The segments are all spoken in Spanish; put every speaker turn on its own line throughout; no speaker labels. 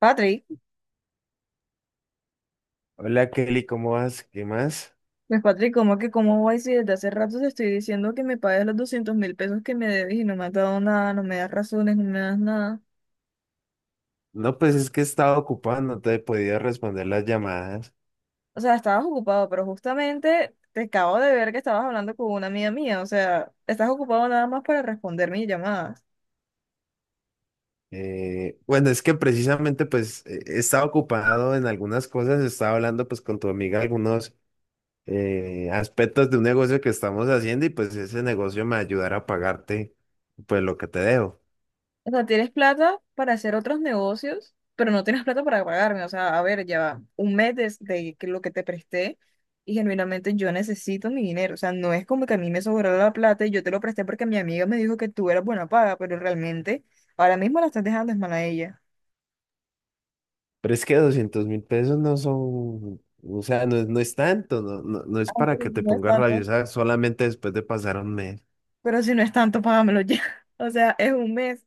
Patrick,
Hola Kelly, ¿cómo vas? ¿Qué más?
pues Patrick, ¿cómo que cómo voy si desde hace rato te estoy diciendo que me pagues los 200.000 pesos que me debes y no me has dado nada, no me das razones, no me das nada?
No, pues es que estaba ocupado, no te he podido responder las llamadas.
O sea, estabas ocupado, pero justamente te acabo de ver que estabas hablando con una amiga mía. O sea, estás ocupado nada más para responder mi llamada.
Bueno, es que precisamente pues estaba ocupado en algunas cosas, estaba hablando pues con tu amiga algunos aspectos de un negocio que estamos haciendo y pues ese negocio me ayudará a pagarte pues lo que te debo.
O sea, tienes plata para hacer otros negocios, pero no tienes plata para pagarme. O sea, a ver, ya va un mes que lo que te presté y genuinamente yo necesito mi dinero. O sea, no es como que a mí me sobró la plata y yo te lo presté porque mi amiga me dijo que tú eras buena paga, pero realmente ahora mismo la estás dejando es mal a ella.
Pero es que 200.000 pesos no son, o sea, no es tanto, no, no, no es
Ah,
para
pero
que
si
te
no es
pongas
tanto.
rabiosa solamente después de pasar un mes.
Pero si no es tanto, págamelo ya. O sea, es un mes.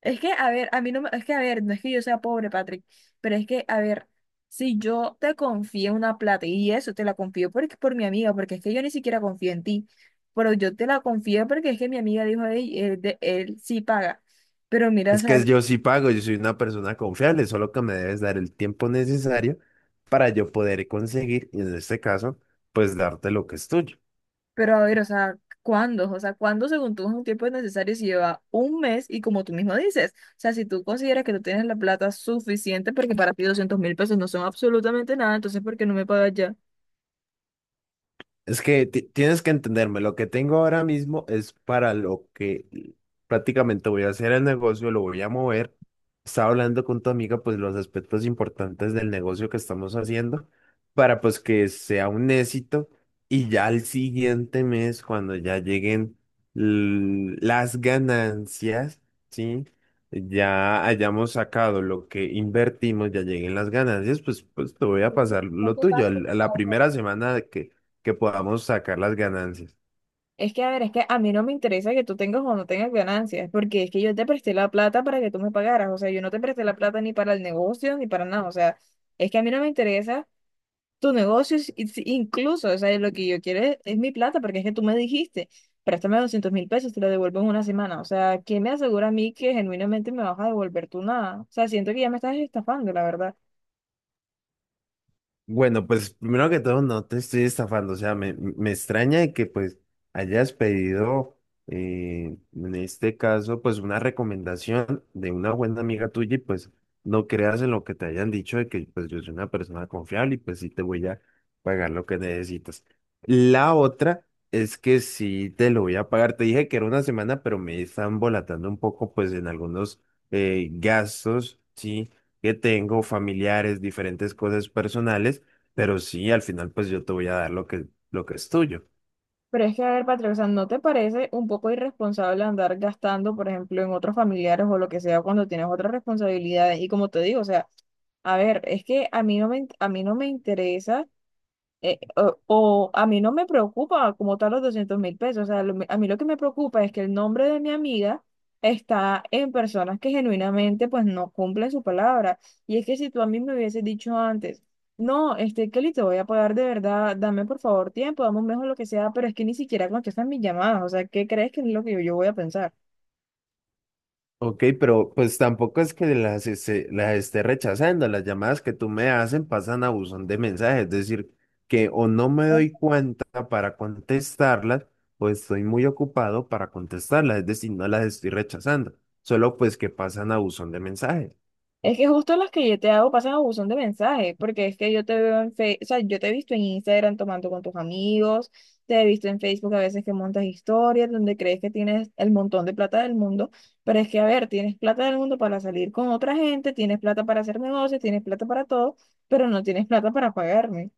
Es que, a ver, a mí no me, es que, a ver, no es que yo sea pobre, Patrick, pero es que, a ver, si yo te confío una plata y eso te la confío porque por mi amiga, porque es que yo ni siquiera confío en ti, pero yo te la confío porque es que mi amiga dijo, "Ey, él, de, él sí paga, pero mira, o
Es que
sea,
yo sí pago, yo soy una persona confiable, solo que me debes dar el tiempo necesario para yo poder conseguir, y en este caso, pues darte lo que es tuyo.
pero a ver, o sea, ¿cuándo? O sea, ¿cuándo según tú es un tiempo necesario si lleva un mes y como tú mismo dices, o sea, si tú consideras que tú tienes la plata suficiente porque para ti 200.000 pesos no son absolutamente nada, entonces ¿por qué no me pagas ya?
Es que tienes que entenderme, lo que tengo ahora mismo es para lo que prácticamente voy a hacer el negocio, lo voy a mover. Estaba hablando con tu amiga, pues los aspectos importantes del negocio que estamos haciendo para pues que sea un éxito y ya al siguiente mes, cuando ya lleguen las ganancias, ¿sí? Ya hayamos sacado lo que invertimos, ya lleguen las ganancias, pues te voy a pasar
Es
lo
que,
tuyo.
Paco.
A la primera semana que podamos sacar las ganancias.
Es que, a ver, es que a mí no me interesa que tú tengas o no tengas ganancias, porque es que yo te presté la plata para que tú me pagaras. O sea, yo no te presté la plata ni para el negocio ni para nada. O sea, es que a mí no me interesa tu negocio incluso. O sea, lo que yo quiero es mi plata, porque es que tú me dijiste, préstame 200.000 pesos, te lo devuelvo en una semana. O sea, ¿quién me asegura a mí que genuinamente me vas a devolver tú nada? O sea, siento que ya me estás estafando, la verdad.
Bueno, pues primero que todo, no te estoy estafando, o sea, me extraña de que pues hayas pedido, en este caso, pues una recomendación de una buena amiga tuya y pues no creas en lo que te hayan dicho de que pues yo soy una persona confiable y pues sí te voy a pagar lo que necesitas. La otra es que sí te lo voy a pagar, te dije que era una semana, pero me están volatando un poco pues en algunos gastos, sí que tengo, familiares, diferentes cosas personales, pero sí, al final pues yo te voy a dar lo que es tuyo.
Pero es que, a ver, Patrick, o sea, ¿no te parece un poco irresponsable andar gastando, por ejemplo, en otros familiares o lo que sea cuando tienes otras responsabilidades? Y como te digo, o sea, a ver, es que a mí no me, a mí no me interesa o a mí no me preocupa como tal los 200.000 pesos. O sea, a mí lo que me preocupa es que el nombre de mi amiga está en personas que genuinamente pues no cumplen su palabra. Y es que si tú a mí me hubieses dicho antes, no, este Kelly, te voy a pagar de verdad, dame por favor tiempo, dame un mejor lo que sea, pero es que ni siquiera contestan mis llamadas. O sea, ¿qué crees que es lo que yo voy a pensar?
Ok, pero pues tampoco es que las esté rechazando. Las llamadas que tú me hacen pasan a buzón de mensajes, es decir, que o no me doy cuenta para contestarlas, o estoy muy ocupado para contestarlas, es decir, no las estoy rechazando, solo pues que pasan a buzón de mensajes.
Es que justo las que yo te hago pasan a buzón de mensajes, porque es que yo te veo en Facebook, o sea, yo te he visto en Instagram tomando con tus amigos, te he visto en Facebook a veces que montas historias donde crees que tienes el montón de plata del mundo, pero es que, a ver, tienes plata del mundo para salir con otra gente, tienes plata para hacer negocios, tienes plata para todo, pero no tienes plata para pagarme.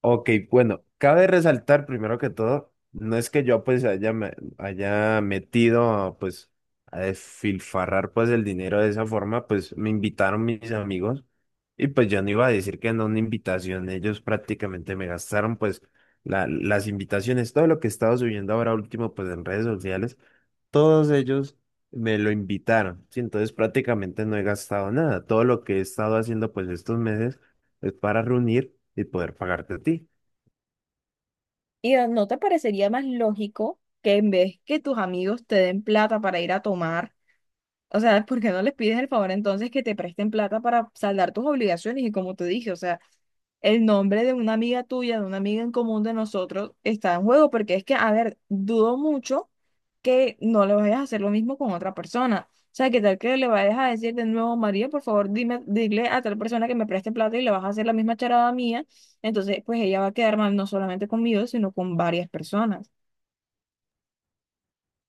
Ok, bueno, cabe resaltar primero que todo, no es que yo pues haya metido pues a desfilfarrar pues el dinero de esa forma, pues me invitaron mis amigos y pues yo no iba a decir que no una invitación, ellos prácticamente me gastaron pues las invitaciones, todo lo que he estado subiendo ahora último pues en redes sociales, todos ellos me lo invitaron, sí, entonces prácticamente no he gastado nada, todo lo que he estado haciendo pues estos meses es para reunir y poder pagarte a ti.
¿Y no te parecería más lógico que en vez que tus amigos te den plata para ir a tomar? O sea, ¿por qué no les pides el favor entonces que te presten plata para saldar tus obligaciones? Y como te dije, o sea, el nombre de una amiga tuya, de una amiga en común de nosotros, está en juego, porque es que, a ver, dudo mucho que no le vayas a hacer lo mismo con otra persona. O sea, ¿qué tal que le vayas a decir de nuevo, María, por favor, dime, dile a tal persona que me preste plata y le vas a hacer la misma charada mía? Entonces, pues ella va a quedar mal no solamente conmigo, sino con varias personas.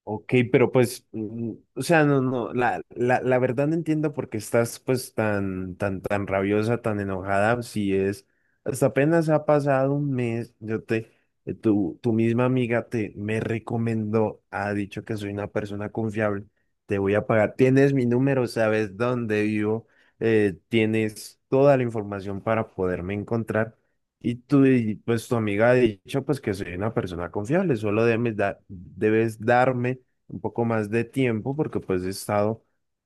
Ok, pero pues, o sea, no, no, la verdad no entiendo por qué estás pues tan rabiosa, tan enojada, si es, hasta apenas ha pasado un mes, tu misma amiga me recomendó, ha dicho que soy una persona confiable, te voy a pagar, tienes mi número, sabes dónde vivo, tienes toda la información para poderme encontrar, pues tu amiga ha dicho pues que soy una persona confiable, solo debes darme un poco más de tiempo porque pues he estado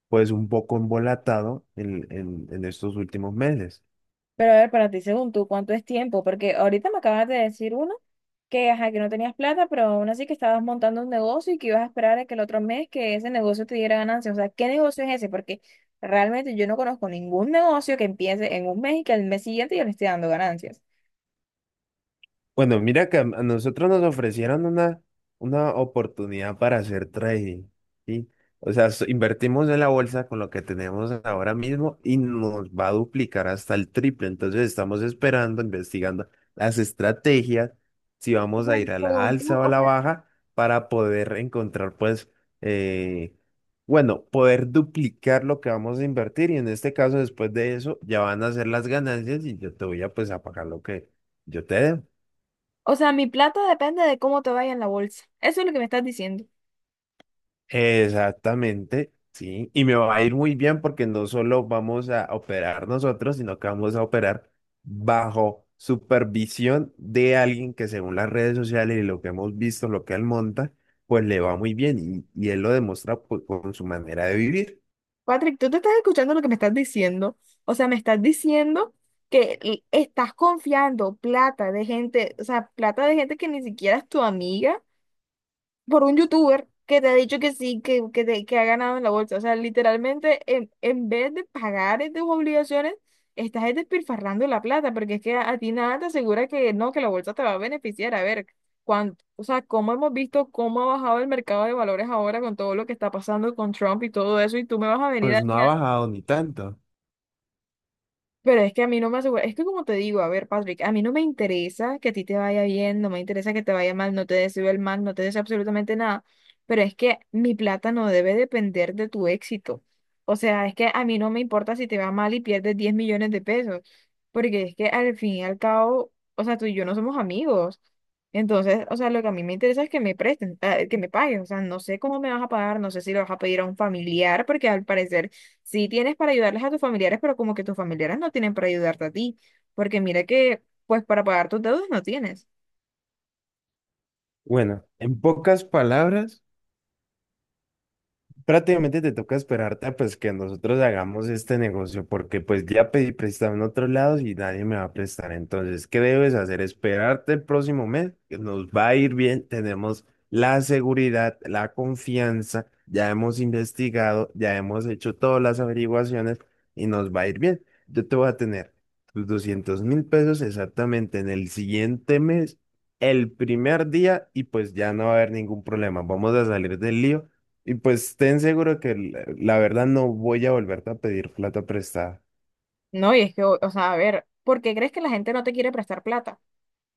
pues un poco embolatado en estos últimos meses.
Pero a ver, para ti, según tú, ¿cuánto es tiempo? Porque ahorita me acabas de decir uno que, ajá, que no tenías plata, pero aún así que estabas montando un negocio y que ibas a esperar a que el otro mes que ese negocio te diera ganancias. O sea, ¿qué negocio es ese? Porque realmente yo no conozco ningún negocio que empiece en un mes y que al mes siguiente ya le esté dando ganancias.
Bueno, mira que a nosotros nos ofrecieron una oportunidad para hacer trading, ¿sí? O sea, invertimos en la bolsa con lo que tenemos ahora mismo y nos va a duplicar hasta el triple. Entonces estamos esperando, investigando las estrategias, si
O
vamos
sea,
a ir a la
según
alza
tú,
o a
o
la
sea,
baja para poder encontrar, eh, bueno, poder duplicar lo que vamos a invertir y en este caso, después de eso, ya van a ser las ganancias y yo te pues, a pagar lo que yo te debo.
o sea, mi plata depende de cómo te vaya en la bolsa. Eso es lo que me estás diciendo.
Exactamente, sí. Y me va a ir muy bien porque no solo vamos a operar nosotros, sino que vamos a operar bajo supervisión de alguien que según las redes sociales y lo que hemos visto, lo que él monta, pues le va muy bien y él lo demuestra pues, con su manera de vivir.
Patrick, tú te estás escuchando lo que me estás diciendo. O sea, me estás diciendo que estás confiando plata de gente, o sea, plata de gente que ni siquiera es tu amiga, por un youtuber que te ha dicho que sí, que ha ganado en la bolsa. O sea, literalmente, en vez de pagar tus obligaciones, estás es despilfarrando la plata, porque es que a ti nada te asegura que no, que la bolsa te va a beneficiar. A ver, cuánto, o sea, cómo hemos visto cómo ha bajado el mercado de valores ahora con todo lo que está pasando con Trump y todo eso, y tú me vas a venir
Pues
a...
no ha bajado ni tanto.
Pero es que a mí no me asegura, es que como te digo, a ver, Patrick, a mí no me interesa que a ti te vaya bien, no me interesa que te vaya mal, no te deseo el mal, no te deseo absolutamente nada, pero es que mi plata no debe depender de tu éxito. O sea, es que a mí no me importa si te va mal y pierdes 10 millones de pesos, porque es que al fin y al cabo, o sea, tú y yo no somos amigos. Entonces, o sea, lo que a mí me interesa es que me presten, que me paguen. O sea, no sé cómo me vas a pagar, no sé si lo vas a pedir a un familiar, porque al parecer sí tienes para ayudarles a tus familiares, pero como que tus familiares no tienen para ayudarte a ti, porque mira que, pues para pagar tus deudas no tienes.
Bueno, en pocas palabras, prácticamente te toca esperarte a, pues que nosotros hagamos este negocio, porque pues ya pedí prestado en otros lados y nadie me va a prestar. Entonces, ¿qué debes hacer? Esperarte el próximo mes, que nos va a ir bien, tenemos la seguridad, la confianza, ya hemos investigado, ya hemos hecho todas las averiguaciones y nos va a ir bien. Yo te voy a tener tus 200.000 pesos exactamente en el siguiente mes. El primer día y pues ya no va a haber ningún problema. Vamos a salir del lío y pues ten seguro que la verdad no voy a volverte a pedir plata prestada.
No, y es que, o sea, a ver, ¿por qué crees que la gente no te quiere prestar plata?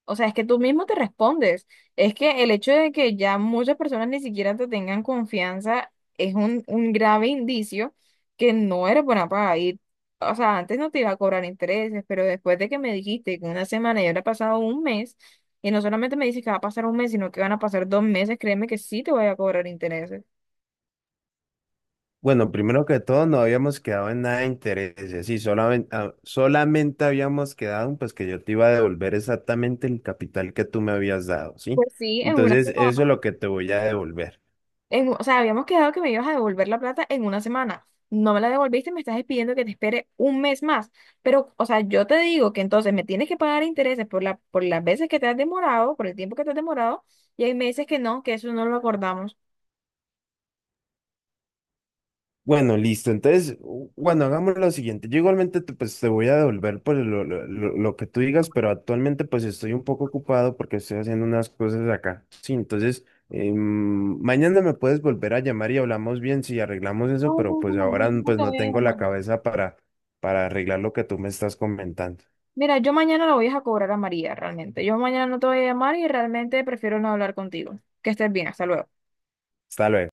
O sea, es que tú mismo te respondes. Es que el hecho de que ya muchas personas ni siquiera te tengan confianza es un grave indicio que no eres buena para ir. O sea, antes no te iba a cobrar intereses, pero después de que me dijiste que una semana y ahora ha pasado un mes, y no solamente me dices que va a pasar un mes, sino que van a pasar 2 meses, créeme que sí te voy a cobrar intereses.
Bueno, primero que todo, no habíamos quedado en nada de intereses y solamente habíamos quedado en pues que yo te iba a devolver exactamente el capital que tú me habías dado, ¿sí?
Pues sí, en una
Entonces,
semana.
eso es lo que te voy a devolver.
O sea, habíamos quedado que me ibas a devolver la plata en una semana. No me la devolviste, me estás pidiendo que te espere un mes más. Pero, o sea, yo te digo que entonces me tienes que pagar intereses por por las veces que te has demorado, por el tiempo que te has demorado, y ahí me dices que no, que eso no lo acordamos.
Bueno, listo. Entonces, bueno, hagamos lo siguiente. Yo igualmente te, pues, Te voy a devolver por lo que tú digas, pero actualmente pues estoy un poco ocupado porque estoy haciendo unas cosas acá. Sí, entonces, mañana me puedes volver a llamar y hablamos bien si arreglamos eso,
No,
pero
no,
pues
no,
ahora
yo no
pues
te
no
voy a
tengo la
llamar.
cabeza para arreglar lo que tú me estás comentando.
Mira, yo mañana la voy a cobrar a María, realmente. Yo mañana no te voy a llamar y realmente prefiero no hablar contigo. Que estés bien, hasta luego.
Hasta luego.